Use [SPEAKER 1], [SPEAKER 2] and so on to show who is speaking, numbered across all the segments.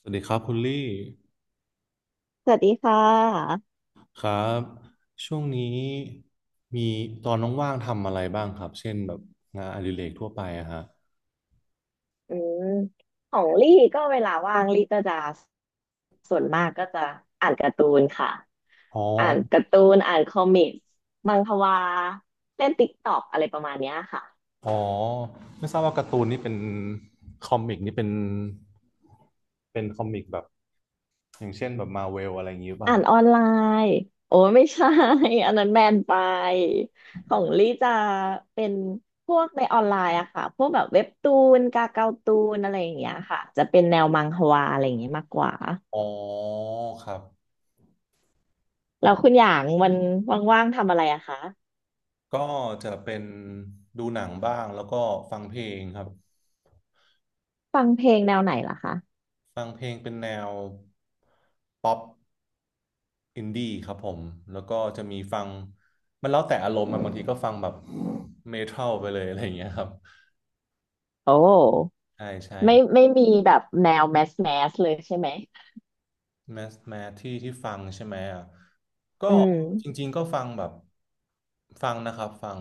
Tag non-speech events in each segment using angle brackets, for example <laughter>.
[SPEAKER 1] สวัสดีครับคุณลี่
[SPEAKER 2] สวัสดีค่ะ
[SPEAKER 1] ครับช่วงนี้มีตอนว่างๆทำอะไรบ้างครับเช่นแบบงานอดิเรกทั่วไปอะฮะ
[SPEAKER 2] อืมของลี่ก็เวลาว่างลี่ก็จะส่วนมากก็จะอ่านการ์ตูนค่ะ
[SPEAKER 1] อ๋อ
[SPEAKER 2] อ่านการ์ตูนอ่านคอมิกส์มังควาเล่นติ๊กต็อกอะไรประมาณเนี้ยค่ะ
[SPEAKER 1] อ๋อไม่ทราบว่าการ์ตูนนี่เป็นคอมิกนี่เป็นคอมิกแบบอย่างเช่นแบบมาเวลอะไรอย่างนี้หรือเปล่า
[SPEAKER 2] อ่า
[SPEAKER 1] ค
[SPEAKER 2] น
[SPEAKER 1] รับ
[SPEAKER 2] ออนไลน์โอ้ไม่ใช่ <laughs> อันนั้นแบนไปของลี่จะเป็นพวกในออนไลน์อะค่ะพวกแบบเว็บตูนกาเกาตูนอะไรอย่างเงี้ยค่ะจะเป็นแนวมังควาอะไรอย่างเงี้ยมากกว่า
[SPEAKER 1] อ๋อครับ
[SPEAKER 2] แล้วคุณอย่างวันว่างๆทำอะไรอะคะ
[SPEAKER 1] ก็จะเป็นดูหนังบ้างแล้วก็ฟังเพลงครับ
[SPEAKER 2] ฟังเพลงแนวไหนล่ะคะ
[SPEAKER 1] ฟังเพลงเป็นแนวป๊อป อินดี้ครับผมแล้วก็จะมีฟังมันแล้วแต่อารมณ์อะบางทีก็ฟังแบบเมทัลไปเลยอะไรอย่างเงี้ยครับ
[SPEAKER 2] โอ้
[SPEAKER 1] ใช่ใช่ค
[SPEAKER 2] ไม่
[SPEAKER 1] รับ
[SPEAKER 2] ไม่มีแบบแนวแมสแมสเลยใช่ไหม
[SPEAKER 1] แมสแมสที่ฟังใช่ไหมอ่ะก็
[SPEAKER 2] อืม
[SPEAKER 1] จริงๆก็ฟังแบบฟังนะครับฟัง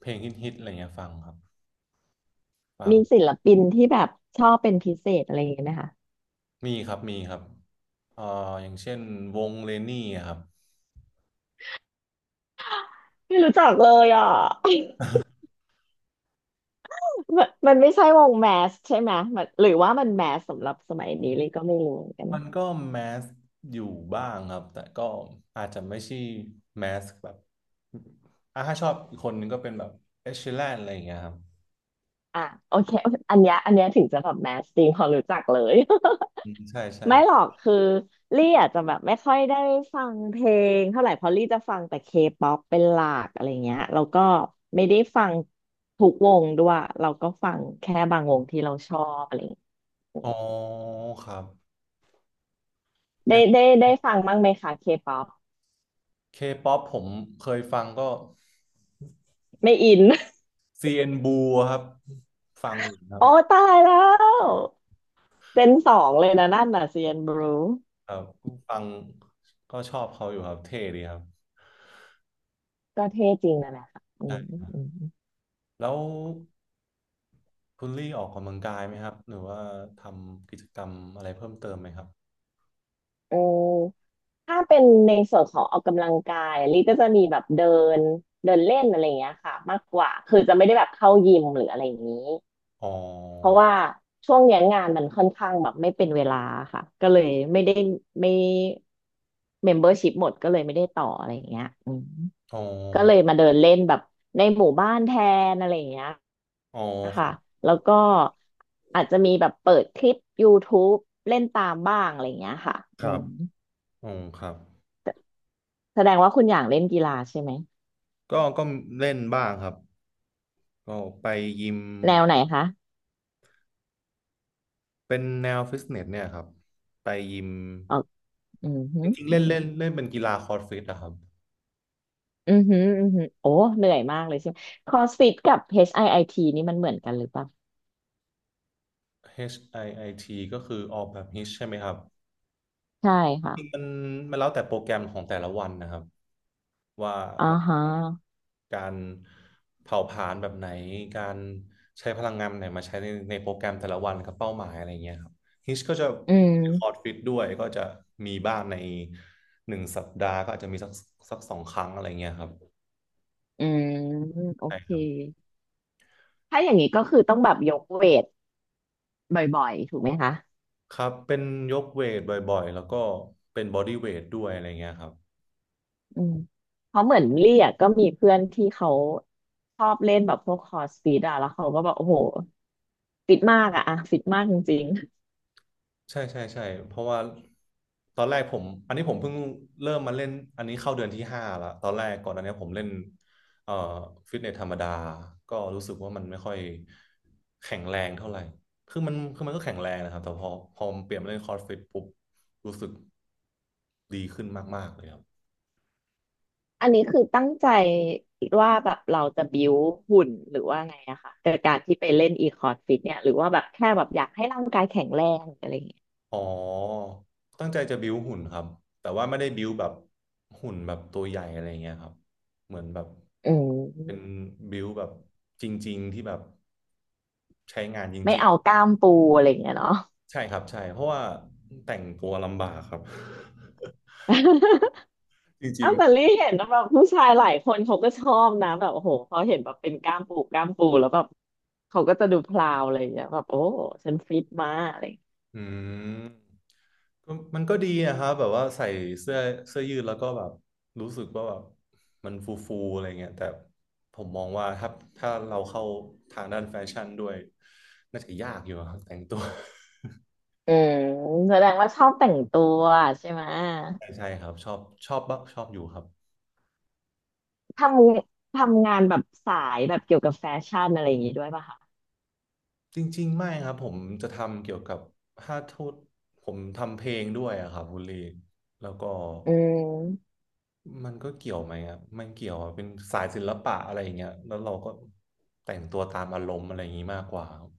[SPEAKER 1] เพลงฮิตๆอะไรเงี้ยฟังครับฟัง
[SPEAKER 2] มีศิลปินที่แบบชอบเป็นพิเศษอะไรอย่างเงี้ยไหมคะ
[SPEAKER 1] มีครับมีครับเอ่ออย่างเช่นวงเลนนี่ครับ
[SPEAKER 2] ไม่รู้จักเลยอ่ะ <laughs> มันไม่ใช่วงแมสใช่ไหมมันหรือว่ามันแมสสำหรับสมัยนี้เลยก็ไม่รู้เหมือนกัน
[SPEAKER 1] มันก็แมสอยู่บ้างครับแต่ก็อาจจะไม่ใช่แมสแบบอ่ะถ้าชอบอีกคนนึงก็เป็นแบบเอชแลนอะไรอย่างเงี้ยครับ
[SPEAKER 2] อ่ะโอเคอันเนี้ยถึงจะแบบแมสจริงพอรู้จักเลย
[SPEAKER 1] อืมใช่ใช่
[SPEAKER 2] ไม่หรอกคือลี่อาจจะแบบไม่ค่อยได้ฟังเพลงเท่าไหร่เพราะลี่จะฟังแต่เคป๊อปเป็นหลักอะไรเงี้ยแล้วก็ไม่ได้ฟังทุกวงด้วยเราก็ฟังแค่บางวงที่เราชอบอะไรเงี้ย
[SPEAKER 1] อ๋อครับอ
[SPEAKER 2] ได้
[SPEAKER 1] ย่าง
[SPEAKER 2] ได้ได้ฟังบ้างไหมคะเคป๊อป
[SPEAKER 1] เคป๊อปผมเคยฟังก็
[SPEAKER 2] ไม่อิน
[SPEAKER 1] CN Blue ครับฟังอยู่
[SPEAKER 2] <laughs>
[SPEAKER 1] ครั
[SPEAKER 2] โอ้
[SPEAKER 1] บ
[SPEAKER 2] ตายแล้วเจนสองเลยนะนั่นน่ะเซียนบรู
[SPEAKER 1] ครับฟังก็ชอบเขาอยู่ครับเท่ดีครับ
[SPEAKER 2] ก็เท่จริงนะนะค่ะอื
[SPEAKER 1] ใช่
[SPEAKER 2] ม
[SPEAKER 1] แล้วคุณลี่ออกกำลังกายไหมครับหรือว่าทำกิจกรรมอะไรเพิ่มเติมไหมครับ
[SPEAKER 2] เออถ้าเป็นในส่วนของออกกำลังกายลิก็จะมีแบบเดินเดินเล่นอะไรอย่างเงี้ยค่ะมากกว่าคือจะไม่ได้แบบเข้ายิมหรืออะไรอย่างนี้
[SPEAKER 1] อ๋
[SPEAKER 2] เพราะ
[SPEAKER 1] อ
[SPEAKER 2] ว่าช่วงเนี้ยงานมันค่อนข้างแบบไม่เป็นเวลาค่ะก็เลยไม่ได้ไม่เมมเบอร์ชิพหมดก็เลยไม่ได้ต่ออะไรอย่างเงี้ยอืม
[SPEAKER 1] อ๋อ
[SPEAKER 2] ก็เลยมาเดินเล่นแบบในหมู่บ้านแทนอะไรอย่างเงี้ย
[SPEAKER 1] อ๋อค
[SPEAKER 2] ค่ะ
[SPEAKER 1] รับ
[SPEAKER 2] แล้วก็อาจจะมีแบบเปิดคลิป y o ท t บเล่นตามบ้างอะไรอย่างเงี้ยค่ะ
[SPEAKER 1] ค
[SPEAKER 2] อื
[SPEAKER 1] รับ
[SPEAKER 2] ม
[SPEAKER 1] อ๋อครับ
[SPEAKER 2] แสดงว่าคุณอย่างเล่นกีฬาใช่ไหม
[SPEAKER 1] ก็เล่นบ้างครับก็ไปยิม
[SPEAKER 2] แนวไหนคะ
[SPEAKER 1] เป็นแนวฟิตเนสเนี่ยครับไปยิม
[SPEAKER 2] อ๋ออือหื
[SPEAKER 1] จ
[SPEAKER 2] อ
[SPEAKER 1] ริงๆ
[SPEAKER 2] อื
[SPEAKER 1] เล่
[SPEAKER 2] อ
[SPEAKER 1] น
[SPEAKER 2] หือ
[SPEAKER 1] เล่นเล่นเป็นกีฬาคอร์ดฟิตนะครับ
[SPEAKER 2] อือหืออือหือโอ้เหนื่อยมากเลยใช่ไหมคอสฟิตกับ HIIT นี่มันเหมือนกันหรือเปล่า
[SPEAKER 1] HIIT ก็คือออกแบบฮิตใช่ไหมครับ
[SPEAKER 2] ใช่
[SPEAKER 1] จริงๆ
[SPEAKER 2] ค่ะ
[SPEAKER 1] มันแล้วแต่โปรแกรมของแต่ละวันนะครับว่า
[SPEAKER 2] อ่า
[SPEAKER 1] เรา
[SPEAKER 2] ฮะ
[SPEAKER 1] การเผาผลาญแบบไหนการใช้พลังงานแบบไหนมาใช้ในโปรแกรมแต่ละวันกับเป้าหมายอะไรเงี้ยครับฮิชก็จะ
[SPEAKER 2] อื
[SPEAKER 1] รีคอร์ด
[SPEAKER 2] ม
[SPEAKER 1] ฟิตด้วยก็จะมีบ้างใน1 สัปดาห์ก็อาจจะมีสัก2 ครั้งอะไรเงี้ยครับ
[SPEAKER 2] อืมโอ
[SPEAKER 1] ใช่
[SPEAKER 2] เค
[SPEAKER 1] ครับ
[SPEAKER 2] ถ้าอย่างนี้ก็คือต้องแบบยกเวทบ่อยๆถูกไหมคะ
[SPEAKER 1] ครับเป็นยกเวทบ่อยๆแล้วก็เป็นบอดี้เวทด้วยอะไรเงี้ยครับ
[SPEAKER 2] อืมเพราะเหมือนลี่อ่ะก็มีเพื่อนที่เขาชอบเล่นแบบพวกคอร์สฟิตอ่ะแล้วเขาก็บอกโอ้โหฟิตมากอ่ะอะฟิตมากจริง
[SPEAKER 1] ใช่ใช่ใช่เพราะว่าตอนแรกผมอันนี้ผมเพิ่งเริ่มมาเล่นอันนี้เข้าเดือนที่ 5ละตอนแรกก่อนอันเนี้ยผมเล่นเอ่อฟิตเนสธรรมดาก็รู้สึกว่ามันไม่ค่อยแข็งแรงเท่าไหร่คือมันก็แข็งแรงนะครับแต่พอเปลี่ยนมาเล่นคอร์สฟิตปุ๊บรู้สึกดีขึ้นมากๆเลยครับ
[SPEAKER 2] อันนี้คือตั้งใจคิดว่าแบบเราจะบิวหุ่นหรือว่าไงอะค่ะกดยการที่ไปเล่นอีคอร์ดฟิตเนี่ยหรือว่าแบบแค่แบบอยากให้ร่างกายแข็งแรงอะไรอย่างเงี้ย
[SPEAKER 1] อ๋อตั้งใจจะบิ้วหุ่นครับแต่ว่าไม่ได้บิ้วแบบหุ่นแบบตัวใหญ่อะไรเงี้ยครับเหมือนแบบ
[SPEAKER 2] อื
[SPEAKER 1] เป็น
[SPEAKER 2] ม
[SPEAKER 1] บิ้วแบบจริงๆที่แบบ ใช้งานจ
[SPEAKER 2] ไม่
[SPEAKER 1] ริง
[SPEAKER 2] เอากล้ามปูอะไรอย่างเงี้ยเนาะ
[SPEAKER 1] ๆใช่ครับใช่เพราะว่าแต่งตัวลำบากครับ <laughs> จ
[SPEAKER 2] <laughs>
[SPEAKER 1] ริ
[SPEAKER 2] อ้า
[SPEAKER 1] ง
[SPEAKER 2] วแต่ลี่เห็นแบบผู้ชายหลายคนเขาก็ชอบนะแบบโอ้โหเขาเห็นแบบเป็นกล้ามปูกล้ามปูแล้วแบบเขาก็จะดูพลาวอะไรอย่างเงี้ยแบบโอ้ฉันฟิตมาอะไรอย่างเงี้ย
[SPEAKER 1] ๆมก็มันก็ดีนะครับแบบว่าใส่เสื้อเสื้อยืดแล้วก็แบบรู้สึกว่าแบบมันฟูฟูอะไรเงี้ยแต่ผมมองว่าถ้าเราเข้าทางด้านแฟชั่นด้วยน่าจะยากอยู่ครับแต่งตัว
[SPEAKER 2] อืมแสดงว่าชอบแต่งตัวใช่ไหม
[SPEAKER 1] <laughs> ใช่ใช่ครับชอบบ้างชอบอยู่ครับ
[SPEAKER 2] ททำงานแบบสายแบบเกี่ยวกับแฟชั่นอะไรอย่างงี้ด้วยป่ะคะ
[SPEAKER 1] จริงๆไม่ครับผมจะทำเกี่ยวกับถ้าโทษผมทำเพลงด้วยอะครับคุณลีแล้วก็
[SPEAKER 2] อืม
[SPEAKER 1] มันก็เกี่ยวไหมครับมันเกี่ยวอะเป็นสายศิลปะอะไรอย่างเงี้ยแล้วเราก็แต่งตัวตามอารมณ์อะไรอย่างงี้มากกว่าครับ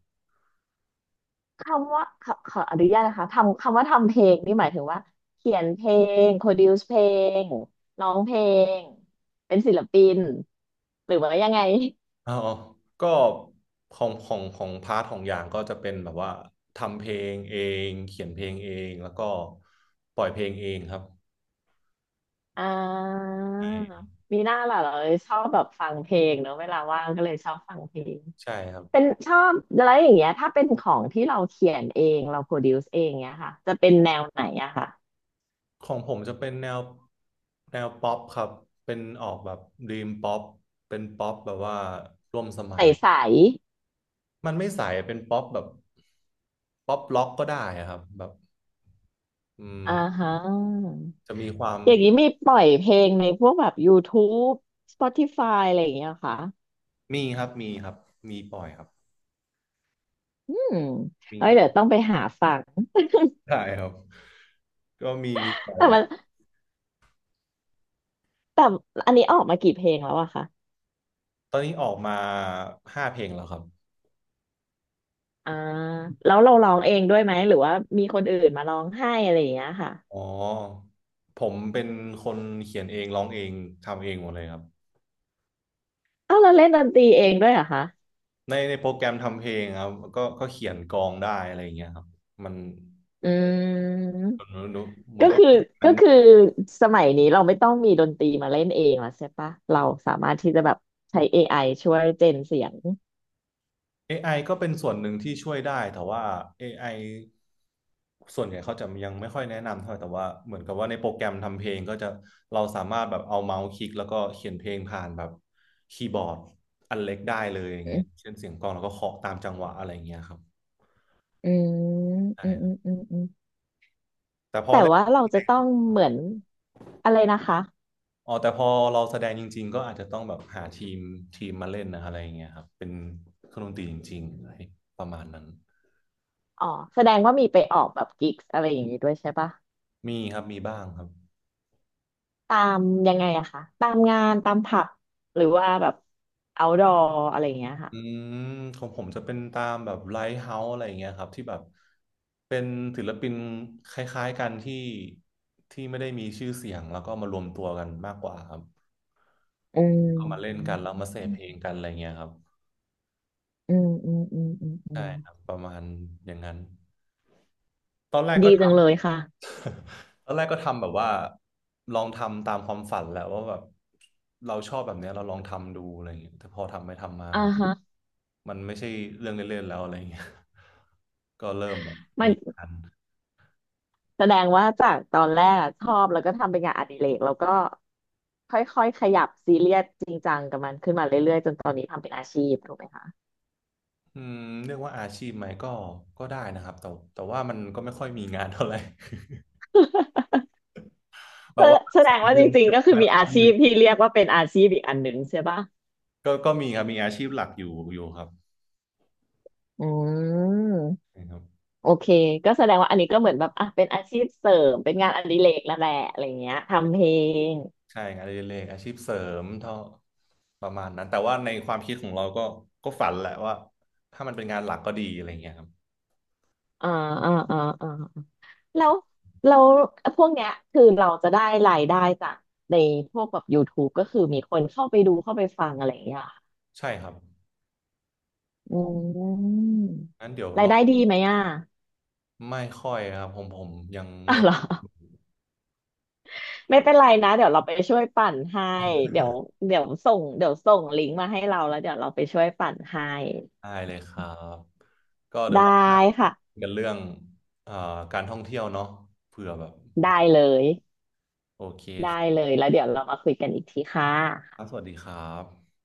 [SPEAKER 2] คำว่าขออนุญาตนะคะทำคำว่าทำเพลงนี่หมายถึงว่าเขียนเพลงโปรดิวซ์เพลงร้องเพลงเป็นศิลปินหรือว่ายังไง
[SPEAKER 1] อ๋อก็ของพาร์ทของอย่างก็จะเป็นแบบว่าทำเพลงเองเขียนเพลงเองแล้วก็ปล่อยเพลงเองครับ
[SPEAKER 2] อ่ามีหน้าล่ะเหราชอบแบบฟังเพลงเนอะเวลาว่างก็เลยชอบฟังเพลง
[SPEAKER 1] ใช่ครับ
[SPEAKER 2] เป็นชอบอะไรอย่างเงี้ยถ้าเป็นของที่เราเขียนเองเราโปรดิวซ์เองเงี้ยค่ะจะเป็นแนวไหนอะค่ะ
[SPEAKER 1] ของผมจะเป็นแนวป๊อปครับเป็นออกแบบด e ีมป๊อปเป็นป๊อปแบบว่าร่วมสมัย
[SPEAKER 2] ใส
[SPEAKER 1] มันไม่ใสเป็นป๊อปแบบป๊อปล็อกก็ได้อะครับแบบอืม
[SPEAKER 2] อ่าฮะ
[SPEAKER 1] จะมีความ
[SPEAKER 2] อย่างนี้มีปล่อยเพลงในพวกแบบ YouTube Spotify อะไรอย่างเงี้ยเหรอค่ะ
[SPEAKER 1] มีครับมีครับมีปล่อยครับ
[SPEAKER 2] อืม
[SPEAKER 1] มี
[SPEAKER 2] เอ้ยเดี๋ยวต้องไปหาฟัง
[SPEAKER 1] ใช่ครับก็มีปล่
[SPEAKER 2] <laughs>
[SPEAKER 1] อย
[SPEAKER 2] แต่
[SPEAKER 1] ไว้
[SPEAKER 2] มันแต่อันนี้ออกมากี่เพลงแล้วอะคะ
[SPEAKER 1] ตอนนี้ออกมา5 เพลงแล้วครับ
[SPEAKER 2] อ่าแล้วเราร้องเองด้วยไหมหรือว่ามีคนอื่นมาร้องให้อะไรอย่างเงี้ยค่ะ
[SPEAKER 1] อ๋อผมเป็นคนเขียนเองร้องเองทำเองหมดเลยครับ
[SPEAKER 2] อ้าวเราเล่นดนตรีเองด้วยเหรอคะ
[SPEAKER 1] ในโปรแกรมทำเพลงครับก็เขียนกลองได้อะไรอย่างเงี้ยครับมัน
[SPEAKER 2] อืม
[SPEAKER 1] มันมันเหมือ
[SPEAKER 2] ก็
[SPEAKER 1] นกับ
[SPEAKER 2] คือ
[SPEAKER 1] ว่ามัน
[SPEAKER 2] ก็คือสมัยนี้เราไม่ต้องมีดนตรีมาเล่นเองแล้วใช่ปะเราสามารถที่จะแบบใช้ AI ช่วยเจนเสียง
[SPEAKER 1] AI ก็เป็นส่วนหนึ่งที่ช่วยได้แต่ว่า AI ส่วนใหญ่เขาจะยังไม่ค่อยแนะนำเท่าไหร่แต่ว่าเหมือนกับว่าในโปรแกรมทำเพลงก็จะเราสามารถแบบเอาเมาส์คลิกแล้วก็เขียนเพลงผ่านแบบคีย์บอร์ดอันเล็กได้เลยอย่างเงี้ยเช่นเสียงกลองแล้วก็เคาะตามจังหวะอะไรอย่างเงี้ยครับ
[SPEAKER 2] อืม
[SPEAKER 1] ใช่
[SPEAKER 2] อืม
[SPEAKER 1] ค
[SPEAKER 2] อื
[SPEAKER 1] รับ
[SPEAKER 2] มอืมอืม
[SPEAKER 1] แต่พอ
[SPEAKER 2] แต่ว่าเราจะต้องเหมือนอะไรนะคะ
[SPEAKER 1] แต่พอเราแสดงจริงๆก็อาจจะต้องแบบหาทีมมาเล่นนะอะไรอย่างเงี้ยครับเป็นเครื่องดนตรีจริงๆอะไรประมาณนั้น
[SPEAKER 2] อ๋อแสดงว่ามีไปออกแบบกิกส์อะไรอย่างนี้ด้วยใช่ปะ
[SPEAKER 1] มีครับมีบ้างครับ
[SPEAKER 2] ตามยังไงอะคะ ตามงานตามผับหรือว่าแบบเอาดออะไรอย่างเงี้ยค่ะ
[SPEAKER 1] อืมของผมจะเป็นตามแบบไลท์เฮาส์อะไรอย่างเงี้ยครับที่แบบเป็นศิลปินคล้ายๆกันที่ไม่ได้มีชื่อเสียงแล้วก็มารวมตัวกันมากกว่าครับ
[SPEAKER 2] อื
[SPEAKER 1] ก็มาเล่น
[SPEAKER 2] ม
[SPEAKER 1] กันแล้วมาเสพเพลงกันอะไรเงี้ยครับ
[SPEAKER 2] อืมอืมอืมอืมอื
[SPEAKER 1] ใช่
[SPEAKER 2] ม
[SPEAKER 1] ครับประมาณอย่างนั้นตอนแรกก็
[SPEAKER 2] ดีจังเลยค่ะ
[SPEAKER 1] <laughs> ตอนแรกก็ทำแบบว่าลองทำตามความฝันแหละว่าแบบเราชอบแบบเนี้ยเราลองทำดูอะไรอย่างเงี้ยแต่พอทำไปทำมา
[SPEAKER 2] อ่า
[SPEAKER 1] มัน
[SPEAKER 2] ฮะ
[SPEAKER 1] มันไม่ใช่เรื่องเล่นๆแล้วอะไรอย่างเงี้ย <laughs> ก็เริ่มแบบ
[SPEAKER 2] มัน
[SPEAKER 1] มีงาน
[SPEAKER 2] แสดงว่าจากตอนแรกอะชอบแล้วก็ทำเป็นงานอดิเรกแล้วก็ค่อยๆขยับซีเรียสจริงจังกับมันขึ้นมาเรื่อยๆจนตอนนี้ทำเป็นอาชีพถูกไหมคะ
[SPEAKER 1] อืมเรียกว่าอาชีพไหมก็ได้นะครับแต่ว่ามันก็ไม่ค่อยมีงานเท่าไหร่ <laughs> แบ
[SPEAKER 2] แส
[SPEAKER 1] บว่า
[SPEAKER 2] แส
[SPEAKER 1] ส
[SPEAKER 2] ด
[SPEAKER 1] อ
[SPEAKER 2] ง
[SPEAKER 1] ง
[SPEAKER 2] ว่า
[SPEAKER 1] เดื
[SPEAKER 2] จ
[SPEAKER 1] อน <laughs>
[SPEAKER 2] ริง
[SPEAKER 1] เป็
[SPEAKER 2] ๆ
[SPEAKER 1] น
[SPEAKER 2] ก็คือ
[SPEAKER 1] งาน
[SPEAKER 2] มี
[SPEAKER 1] ค
[SPEAKER 2] อา
[SPEAKER 1] รั้งห
[SPEAKER 2] ชี
[SPEAKER 1] นึ่
[SPEAKER 2] พ
[SPEAKER 1] ง
[SPEAKER 2] ที่เรียกว่าเป็นอาชีพอีกอันหนึ่งใช่ปะ
[SPEAKER 1] ก็มีครับมีอาชีพหลักอยู่ครับ
[SPEAKER 2] อืม
[SPEAKER 1] ใช่ครับ
[SPEAKER 2] โอเคก็แสดงว่าอันนี้ก็เหมือนแบบอ่ะเป็นอาชีพเสริมเป็นงานอดิเรกแล้วแหละอะไรเงี้ยทำเพลง
[SPEAKER 1] ใช่งานอดิเรกอาชีพเสริมเท่าประมาณนั้นแต่ว่าในความคิดของเราก็ฝันแหละว่าถ้ามันเป็นงานหลักก็ดีอะไรเงี้ยครับ
[SPEAKER 2] อ่าอ่าแล้วแล้วพวกเนี้ยคือเราจะได้รายได้จากในพวกแบบ YouTube ก็คือมีคนเข้าไปดูเข้าไปฟังอะไรอย่างเงี้ยเหรอ
[SPEAKER 1] ใช่ครับ
[SPEAKER 2] อืม
[SPEAKER 1] งั้นเดี๋ยว
[SPEAKER 2] รา
[SPEAKER 1] ร
[SPEAKER 2] ย
[SPEAKER 1] อ
[SPEAKER 2] ได้
[SPEAKER 1] บ
[SPEAKER 2] ดีไหมอ่ะ
[SPEAKER 1] ไม่ค่อยครับผมยัง
[SPEAKER 2] อ่ะ
[SPEAKER 1] เริ่ม
[SPEAKER 2] เหรอ ไม่เป็นไรนะเดี๋ยวเราไปช่วยปั่นให้เดี๋ยวเดี๋ยวส่งลิงก์มาให้เราแล้วเดี๋ยวเราไปช่วยปั่นให้
[SPEAKER 1] ได้เลยครับก็เดี๋ยว
[SPEAKER 2] ได้
[SPEAKER 1] รอบหน้า
[SPEAKER 2] ค่ะ
[SPEAKER 1] กันเรื่องเอ่อการท่องเที่ยวเนาะเผื่อแบบ
[SPEAKER 2] ได้เลย
[SPEAKER 1] โอเค
[SPEAKER 2] ได้
[SPEAKER 1] คร
[SPEAKER 2] เลยแล้วเดี๋ยวเรามาคุยกันอีกทีค่ะ
[SPEAKER 1] ับสวัสดีครับ